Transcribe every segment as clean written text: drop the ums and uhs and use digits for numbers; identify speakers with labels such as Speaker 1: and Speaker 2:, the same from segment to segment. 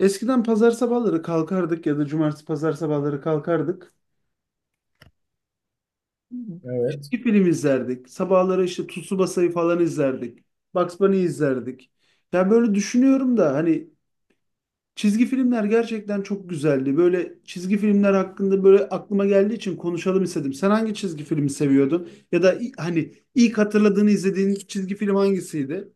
Speaker 1: Eskiden pazar sabahları kalkardık ya da cumartesi pazar sabahları kalkardık.
Speaker 2: Evet.
Speaker 1: Bir film izlerdik. Sabahları işte Tsubasa'yı falan izlerdik. Bugs Bunny izlerdik. Ya böyle düşünüyorum da hani. Çizgi filmler gerçekten çok güzeldi. Böyle çizgi filmler hakkında böyle aklıma geldiği için konuşalım istedim. Sen hangi çizgi filmi seviyordun? Ya da hani ilk hatırladığını izlediğin çizgi film hangisiydi?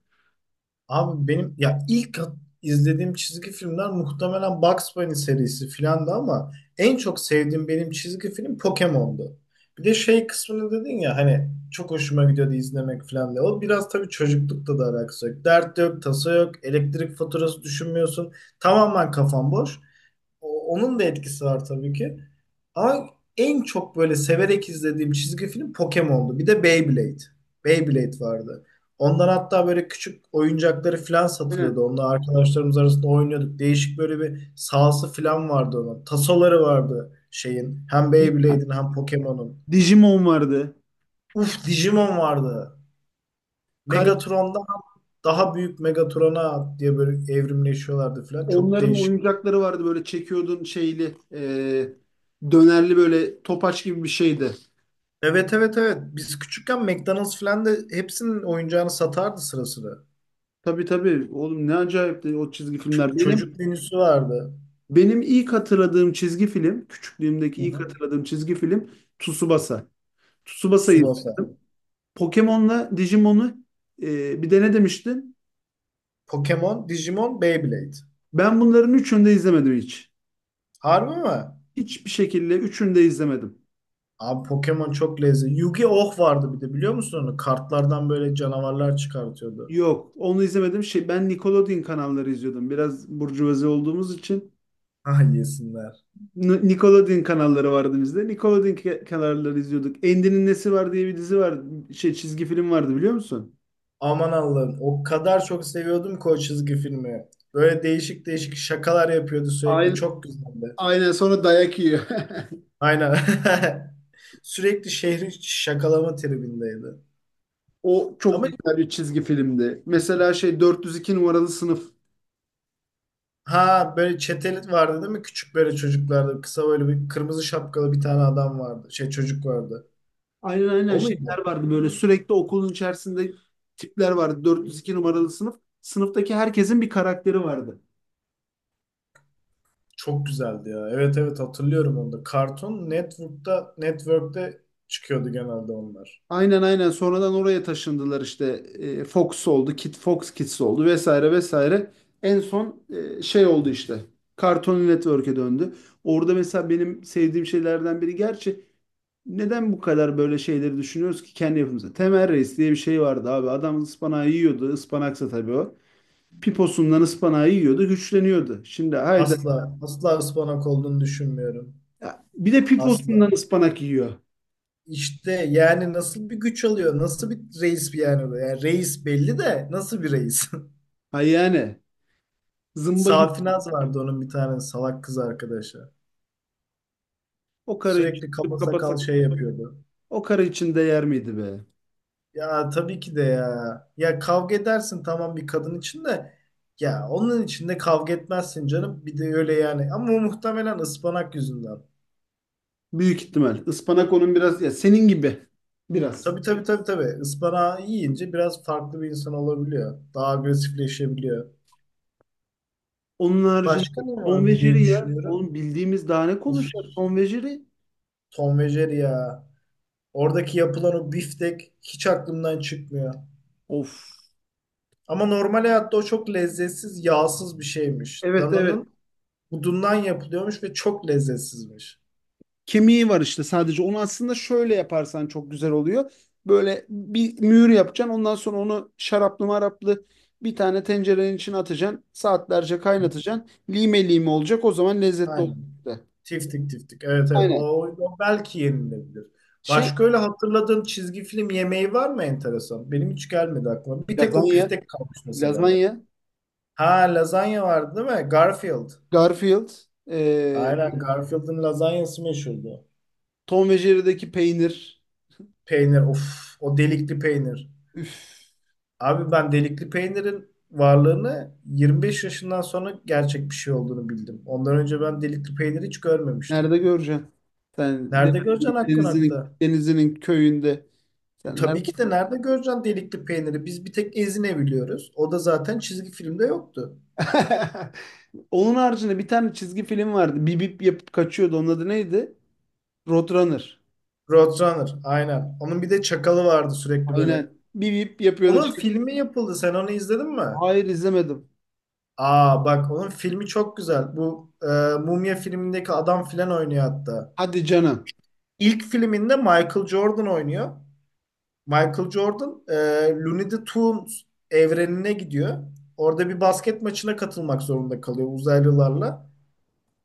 Speaker 2: Abi benim ya ilk izlediğim çizgi filmler muhtemelen Bugs Bunny serisi filandı ama en çok sevdiğim benim çizgi film Pokemon'du. Bir de şey kısmını dedin ya hani çok hoşuma gidiyordu izlemek filan diye. O biraz tabii çocuklukta da alakası yok. Dert yok, tasa yok, elektrik faturası düşünmüyorsun. Tamamen kafan boş. Onun da etkisi var tabii ki. Ama en çok böyle severek izlediğim çizgi film Pokemon'du. Bir de Beyblade. Beyblade vardı. Ondan hatta böyle küçük oyuncakları falan satılıyordu.
Speaker 1: Aynen.
Speaker 2: Onunla arkadaşlarımız arasında oynuyorduk. Değişik böyle bir sahası falan vardı onun. Tasoları vardı şeyin. Hem
Speaker 1: Di-
Speaker 2: Beyblade'in hem Pokemon'un.
Speaker 1: Digimon vardı.
Speaker 2: Uf, Digimon vardı.
Speaker 1: Kare,
Speaker 2: Megatron'dan daha büyük Megatron'a diye böyle evrimleşiyorlardı falan. Çok
Speaker 1: onların
Speaker 2: değişik.
Speaker 1: oyuncakları vardı böyle çekiyordun şeyli, dönerli böyle topaç gibi bir şeydi.
Speaker 2: Evet evet evet. Biz küçükken McDonald's falan da hepsinin oyuncağını satardı sıra sıra.
Speaker 1: Tabii tabii. Oğlum ne acayip de o çizgi
Speaker 2: Ç-
Speaker 1: filmler. Benim
Speaker 2: çocuk menüsü vardı.
Speaker 1: benim ilk hatırladığım çizgi film, küçüklüğümdeki
Speaker 2: Hı
Speaker 1: ilk
Speaker 2: hı.
Speaker 1: hatırladığım çizgi film Tsubasa. Tsubasa'yı
Speaker 2: Tsubasa.
Speaker 1: izledim. Pokemon'la Digimon'u, bir de ne demiştin?
Speaker 2: Pokemon, Digimon, Beyblade.
Speaker 1: Ben bunların üçünü de izlemedim hiç.
Speaker 2: Harbi mi?
Speaker 1: Hiçbir şekilde üçünü de izlemedim.
Speaker 2: Abi Pokemon çok lezzetli. Yu-Gi-Oh vardı bir de, biliyor musun onu? Kartlardan böyle canavarlar çıkartıyordu.
Speaker 1: Yok, onu izlemedim. Şey, ben Nickelodeon kanalları izliyordum. Biraz burjuvazi olduğumuz için
Speaker 2: Ah yesinler.
Speaker 1: Nickelodeon kanalları vardı bizde. Nickelodeon kanalları izliyorduk. Endi'nin Nesi Var diye bir dizi var. Şey çizgi film vardı biliyor musun?
Speaker 2: Aman Allah'ım, o kadar çok seviyordum ki o çizgi filmi. Böyle değişik değişik şakalar yapıyordu sürekli.
Speaker 1: Aynen,
Speaker 2: Çok güzeldi.
Speaker 1: aynen sonra dayak yiyor.
Speaker 2: Aynen. Sürekli şehri şakalama tribindeydi.
Speaker 1: O çok
Speaker 2: Ama
Speaker 1: güzel bir çizgi filmdi. Mesela şey 402 numaralı sınıf.
Speaker 2: ha, böyle çeteli vardı değil mi? Küçük böyle çocuklarda, kısa böyle bir kırmızı şapkalı bir tane adam vardı. Şey çocuk vardı.
Speaker 1: Aynen aynen
Speaker 2: O muydu?
Speaker 1: şeyler vardı böyle sürekli okulun içerisinde tipler vardı. 402 numaralı sınıf. Sınıftaki herkesin bir karakteri vardı.
Speaker 2: Çok güzeldi ya. Evet evet, hatırlıyorum onu da. Cartoon Network'ta, Network'te çıkıyordu genelde onlar.
Speaker 1: Aynen aynen sonradan oraya taşındılar işte. Fox oldu, Fox Kids oldu vesaire vesaire. En son şey oldu işte. Cartoon Network'e döndü. Orada mesela benim sevdiğim şeylerden biri gerçi. Neden bu kadar böyle şeyleri düşünüyoruz ki kendi yapımıza? Temel Reis diye bir şey vardı abi. Adam ıspanağı yiyordu. Ispanaksa tabii o. Piposundan ıspanağı yiyordu. Güçleniyordu. Şimdi hayda.
Speaker 2: Asla asla ıspanak olduğunu düşünmüyorum.
Speaker 1: Ya, bir de piposundan
Speaker 2: Asla.
Speaker 1: ıspanak yiyor.
Speaker 2: İşte yani nasıl bir güç alıyor? Nasıl bir reis bir yani, bu? Yani reis belli de nasıl bir reis?
Speaker 1: Ha yani. Zımba gibi.
Speaker 2: Safinaz vardı, onun bir tane salak kız arkadaşı.
Speaker 1: O karı için
Speaker 2: Sürekli kaba sakal
Speaker 1: kapatsak.
Speaker 2: şey yapıyordu.
Speaker 1: O karı için değer miydi be?
Speaker 2: Ya tabii ki de ya. Ya kavga edersin tamam, bir kadın için de ya onun için de kavga etmezsin canım. Bir de öyle yani. Ama o muhtemelen ıspanak yüzünden.
Speaker 1: Büyük ihtimal. Ispanak onun biraz. Ya senin gibi. Biraz.
Speaker 2: Tabii tabii tabii tabii. Ispanağı yiyince biraz farklı bir insan olabiliyor. Daha agresifleşebiliyor.
Speaker 1: Onun haricinde
Speaker 2: Başka ne
Speaker 1: Tom ve
Speaker 2: vardı diye
Speaker 1: Jerry ya.
Speaker 2: düşünüyorum.
Speaker 1: Oğlum bildiğimiz daha ne
Speaker 2: Uf,
Speaker 1: konuşacak? Tom ve Jerry.
Speaker 2: Tom ve Jerry ya. Oradaki yapılan o biftek hiç aklımdan çıkmıyor.
Speaker 1: Of.
Speaker 2: Ama normal hayatta o çok lezzetsiz, yağsız bir şeymiş.
Speaker 1: Evet evet.
Speaker 2: Dananın budundan yapılıyormuş ve çok lezzetsizmiş.
Speaker 1: Kemiği var işte sadece. Onu aslında şöyle yaparsan çok güzel oluyor. Böyle bir mühür yapacaksın. Ondan sonra onu şaraplı maraplı bir tane tencerenin içine atacaksın. Saatlerce kaynatacaksın. Lime lime olacak. O zaman lezzetli olacak
Speaker 2: Aynen.
Speaker 1: da.
Speaker 2: Tiftik tiftik. Evet evet.
Speaker 1: Aynen.
Speaker 2: O, o belki yenilebilir.
Speaker 1: Şey
Speaker 2: Başka öyle hatırladığın çizgi film yemeği var mı enteresan? Benim hiç gelmedi aklıma. Bir tek o
Speaker 1: lazanya,
Speaker 2: biftek kalmış mesela.
Speaker 1: lazanya,
Speaker 2: Ha, lazanya vardı değil mi? Garfield.
Speaker 1: Garfield, e,
Speaker 2: Aynen, Garfield'ın lazanyası meşhurdu.
Speaker 1: Tom ve Jerry'deki peynir.
Speaker 2: Peynir, of, o delikli peynir.
Speaker 1: Üf,
Speaker 2: Abi ben delikli peynirin varlığını 25 yaşından sonra gerçek bir şey olduğunu bildim. Ondan önce ben delikli peyniri hiç görmemiştim.
Speaker 1: nerede göreceksin? Sen de-
Speaker 2: Nerede göreceksin hakkın
Speaker 1: denizinin
Speaker 2: hakta?
Speaker 1: denizinin köyünde. Sen nerede?
Speaker 2: Tabii ki de nerede göreceksin delikli peyniri? Biz bir tek Ezine biliyoruz. O da zaten çizgi filmde yoktu.
Speaker 1: Onun haricinde bir tane çizgi film vardı. Bip bip yapıp kaçıyordu. Onun adı neydi? Roadrunner.
Speaker 2: Roadrunner aynen. Onun bir de çakalı vardı sürekli böyle.
Speaker 1: Aynen. Bip bip yapıyordu.
Speaker 2: Onun
Speaker 1: Çık-
Speaker 2: filmi yapıldı. Sen onu izledin mi?
Speaker 1: Hayır izlemedim.
Speaker 2: Aa bak, onun filmi çok güzel. Bu Mumya filmindeki adam filan oynuyor hatta.
Speaker 1: Hadi canım.
Speaker 2: İlk filminde Michael Jordan oynuyor. Michael Jordan Looney the Tunes evrenine gidiyor. Orada bir basket maçına katılmak zorunda kalıyor uzaylılarla.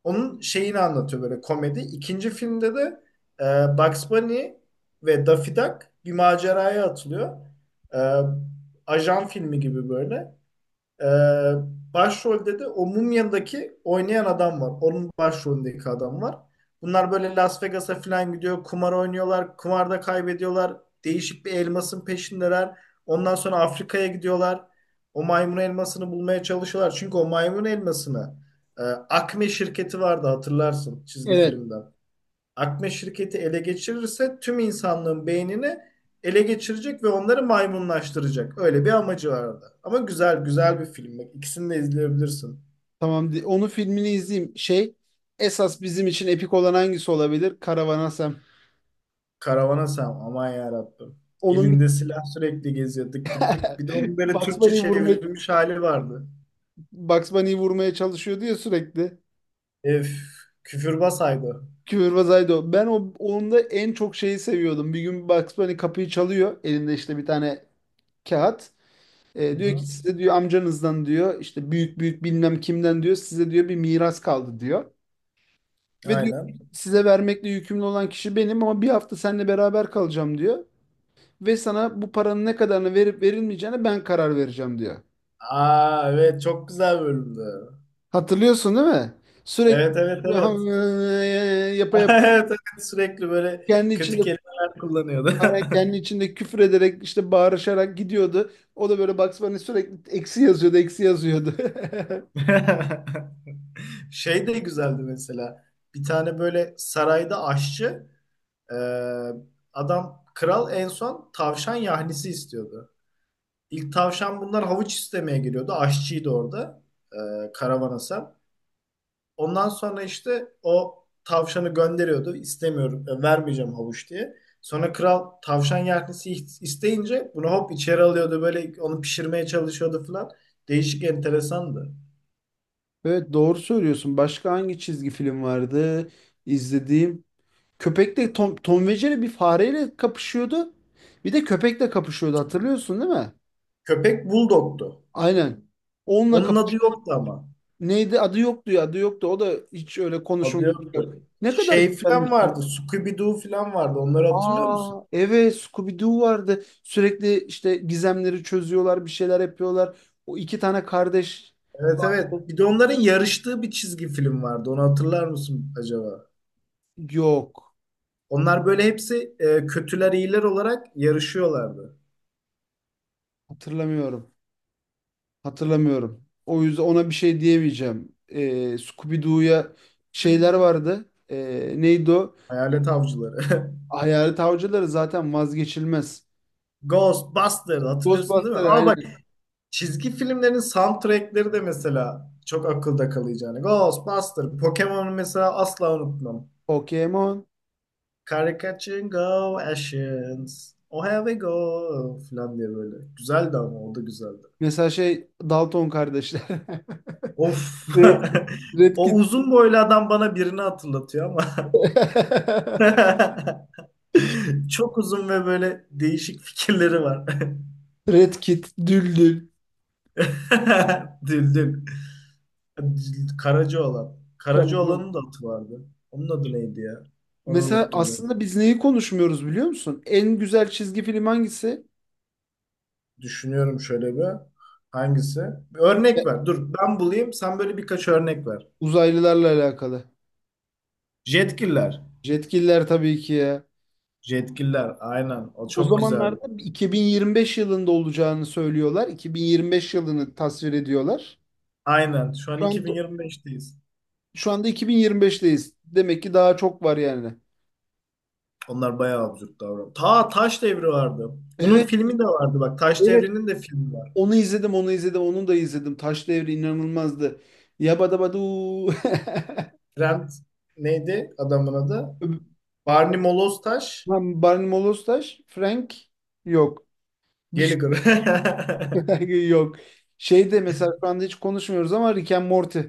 Speaker 2: Onun şeyini anlatıyor böyle, komedi. İkinci filmde de Bugs Bunny ve Daffy Duck bir maceraya atılıyor. E, Ajan filmi gibi böyle. Ee, Başrolde de o Mumya'daki oynayan adam var. Onun başrolündeki adam var. Bunlar böyle Las Vegas'a falan gidiyor. Kumar oynuyorlar. Kumarda kaybediyorlar. Değişik bir elmasın peşindeler. Ondan sonra Afrika'ya gidiyorlar. O maymun elmasını bulmaya çalışıyorlar. Çünkü o maymun elmasını Acme şirketi vardı, hatırlarsın çizgi
Speaker 1: Evet.
Speaker 2: filmden. Akme şirketi ele geçirirse tüm insanlığın beynini ele geçirecek ve onları maymunlaştıracak. Öyle bir amacı vardı. Ama güzel güzel bir film. Bak, İkisini de izleyebilirsin.
Speaker 1: Tamam. Onun filmini izleyeyim. Şey esas bizim için epik olan hangisi olabilir? Karavan Sam.
Speaker 2: Karavana Sen, aman yarabbim.
Speaker 1: Onun bir.
Speaker 2: Elinde silah sürekli geziyor, tık tık tık. Bir de onun böyle
Speaker 1: Bugs
Speaker 2: Türkçe
Speaker 1: Bunny'yi vurmaya,
Speaker 2: çevrilmiş hali vardı.
Speaker 1: Bugs Bunny'yi vurmaya çalışıyordu ya sürekli.
Speaker 2: Ef, Küfürbaz haydi.
Speaker 1: Küfürbazaydı o. Ben onda en çok şeyi seviyordum. Bir gün Bugs Bunny kapıyı çalıyor. Elinde işte bir tane kağıt.
Speaker 2: Hı
Speaker 1: Diyor ki
Speaker 2: hı.
Speaker 1: size diyor amcanızdan diyor işte büyük büyük bilmem kimden diyor size diyor bir miras kaldı diyor. Ve diyor ki,
Speaker 2: Aynen.
Speaker 1: size vermekle yükümlü olan kişi benim ama bir hafta seninle beraber kalacağım diyor. Ve sana bu paranın ne kadarını verip verilmeyeceğine ben karar vereceğim diyor.
Speaker 2: Aa evet, çok güzel bölümdü.
Speaker 1: Hatırlıyorsun değil mi? Sürekli
Speaker 2: Evet evet evet.
Speaker 1: yapa yapa
Speaker 2: Evet evet, sürekli böyle
Speaker 1: kendi
Speaker 2: kötü
Speaker 1: içinde
Speaker 2: kelimeler kullanıyordu.
Speaker 1: kendi içinde küfür ederek işte bağırışarak gidiyordu. O da böyle Bugs Bunny sürekli eksi yazıyordu.
Speaker 2: Şey de güzeldi mesela. Bir tane böyle sarayda aşçı e, adam, kral en son tavşan yahnisi istiyordu. İlk tavşan, bunlar havuç istemeye geliyordu. Aşçıydı orada e, Karavana Sen. Ondan sonra işte o tavşanı gönderiyordu. İstemiyorum, vermeyeceğim havuç diye. Sonra kral tavşan yahnisi isteyince bunu hop içeri alıyordu. Böyle onu pişirmeye çalışıyordu falan. Değişik, enteresandı.
Speaker 1: Evet doğru söylüyorsun. Başka hangi çizgi film vardı izlediğim? Köpekle Tom ve Jerry bir fareyle kapışıyordu. Bir de köpekle kapışıyordu hatırlıyorsun değil mi?
Speaker 2: Köpek bulldogtu.
Speaker 1: Aynen. Onunla
Speaker 2: Onun adı
Speaker 1: kapış.
Speaker 2: yoktu ama.
Speaker 1: Neydi adı yoktu ya adı yoktu. O da hiç öyle konuşma
Speaker 2: Adı
Speaker 1: yürüyüş yok.
Speaker 2: yoktu.
Speaker 1: Ne kadar
Speaker 2: Şey falan
Speaker 1: güzelmiş ya.
Speaker 2: vardı. Scooby-Doo falan vardı. Onları hatırlıyor
Speaker 1: Aa
Speaker 2: musun?
Speaker 1: evet, Scooby-Doo vardı. Sürekli işte gizemleri çözüyorlar bir şeyler yapıyorlar. O iki tane kardeş
Speaker 2: Evet
Speaker 1: vardı.
Speaker 2: evet. Bir de onların yarıştığı bir çizgi film vardı. Onu hatırlar mısın acaba?
Speaker 1: Yok
Speaker 2: Onlar böyle hepsi kötüler iyiler olarak yarışıyorlardı.
Speaker 1: hatırlamıyorum. Hatırlamıyorum. O yüzden ona bir şey diyemeyeceğim. Scooby-Doo'ya şeyler vardı. Neydi o?
Speaker 2: Hayalet avcıları.
Speaker 1: Hayalet avcıları zaten vazgeçilmez.
Speaker 2: Ghostbusters, hatırlıyorsun değil
Speaker 1: Ghostbusters
Speaker 2: mi? Aa bak,
Speaker 1: aynen.
Speaker 2: çizgi filmlerin soundtrackleri de mesela çok akılda kalıcı. Yani Ghostbusters, Pokemon'u mesela asla unutmam.
Speaker 1: Pokemon.
Speaker 2: Karikatür go Ashens. Oh here we go falan diye böyle. Güzeldi, ama o da güzeldi.
Speaker 1: Mesela şey Dalton kardeşler.
Speaker 2: Of.
Speaker 1: Red, Red
Speaker 2: O
Speaker 1: Kit.
Speaker 2: uzun boylu adam bana birini hatırlatıyor ama. Çok uzun ve böyle değişik fikirleri var.
Speaker 1: Red Kit, Düldül,
Speaker 2: Düldül. Karaca olan. Karaca
Speaker 1: Karagöz.
Speaker 2: olanın da atı vardı. Onun adı neydi ya? Onu
Speaker 1: Mesela
Speaker 2: unuttum ben.
Speaker 1: aslında biz neyi konuşmuyoruz biliyor musun? En güzel çizgi film hangisi?
Speaker 2: Düşünüyorum şöyle bir. Hangisi? Bir
Speaker 1: E,
Speaker 2: örnek ver. Dur ben bulayım. Sen böyle birkaç örnek ver.
Speaker 1: Uzaylılarla alakalı.
Speaker 2: Jetgiller.
Speaker 1: Jetgiller tabii ki ya.
Speaker 2: Jetgiller aynen. O
Speaker 1: O
Speaker 2: çok
Speaker 1: zamanlarda
Speaker 2: güzeldi.
Speaker 1: 2025 yılında olacağını söylüyorlar. 2025 yılını tasvir ediyorlar.
Speaker 2: Aynen. Şu an
Speaker 1: Şu anda,
Speaker 2: 2025'teyiz.
Speaker 1: şu anda 2025'teyiz. Demek ki daha çok var yani.
Speaker 2: Onlar bayağı absürt davranıyor. Ta Taş Devri vardı. Onun
Speaker 1: Evet,
Speaker 2: filmi de vardı bak. Taş
Speaker 1: evet.
Speaker 2: Devri'nin de filmi var.
Speaker 1: Onu da izledim. Taş Devri inanılmazdı. Yabadabadu.
Speaker 2: Trent, neydi adamın adı? Barney Moloz Taş
Speaker 1: Lan Barney Molostaş, Frank yok. Bir şey
Speaker 2: Gallagher.
Speaker 1: yok. Şeyde mesela şu anda hiç konuşmuyoruz ama Rick and Morty.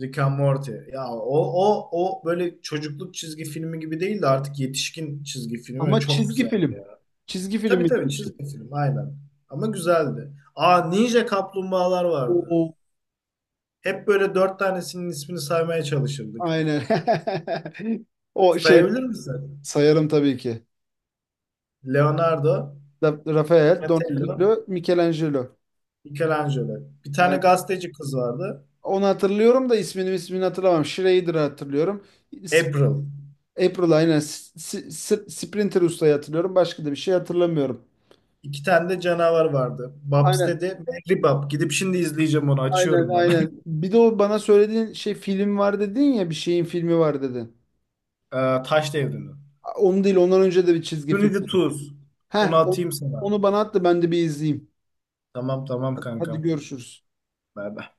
Speaker 2: Rick and Morty. Ya o o böyle çocukluk çizgi filmi gibi değil de artık yetişkin çizgi filmi, ve
Speaker 1: Ama
Speaker 2: çok
Speaker 1: çizgi
Speaker 2: güzeldi ya.
Speaker 1: film. Çizgi film
Speaker 2: Tabii
Speaker 1: mi
Speaker 2: tabii,
Speaker 1: diyorsun?
Speaker 2: çizgi film aynen. Ama güzeldi. Aa, Ninja Kaplumbağalar vardı.
Speaker 1: O
Speaker 2: Hep böyle dört tanesinin ismini saymaya çalışırdık.
Speaker 1: aynen. O şey
Speaker 2: Sayabilir misin?
Speaker 1: sayarım tabii ki.
Speaker 2: Leonardo,
Speaker 1: Rafael,
Speaker 2: Donatello,
Speaker 1: Donatello, Michelangelo.
Speaker 2: Michelangelo. Bir tane
Speaker 1: Aynen.
Speaker 2: gazeteci kız vardı.
Speaker 1: Onu hatırlıyorum da ismini hatırlamam. Schrader'ı hatırlıyorum. Sp-
Speaker 2: April.
Speaker 1: April aynen. Sprinter ustayı hatırlıyorum. Başka da bir şey hatırlamıyorum.
Speaker 2: İki tane de canavar vardı. Babs
Speaker 1: Aynen
Speaker 2: dedi. Mehribab. Gidip şimdi izleyeceğim onu.
Speaker 1: aynen
Speaker 2: Açıyorum ben.
Speaker 1: aynen. Bir de o bana söylediğin şey film var dedin ya bir şeyin filmi var dedin.
Speaker 2: Taş Devri'ni.
Speaker 1: Onu değil, ondan önce de bir çizgi film.
Speaker 2: Tools. Onu
Speaker 1: Heh,
Speaker 2: atayım sana.
Speaker 1: onu bana at da ben de bir izleyeyim.
Speaker 2: Tamam tamam
Speaker 1: Hadi
Speaker 2: kankam.
Speaker 1: görüşürüz.
Speaker 2: Bye bye.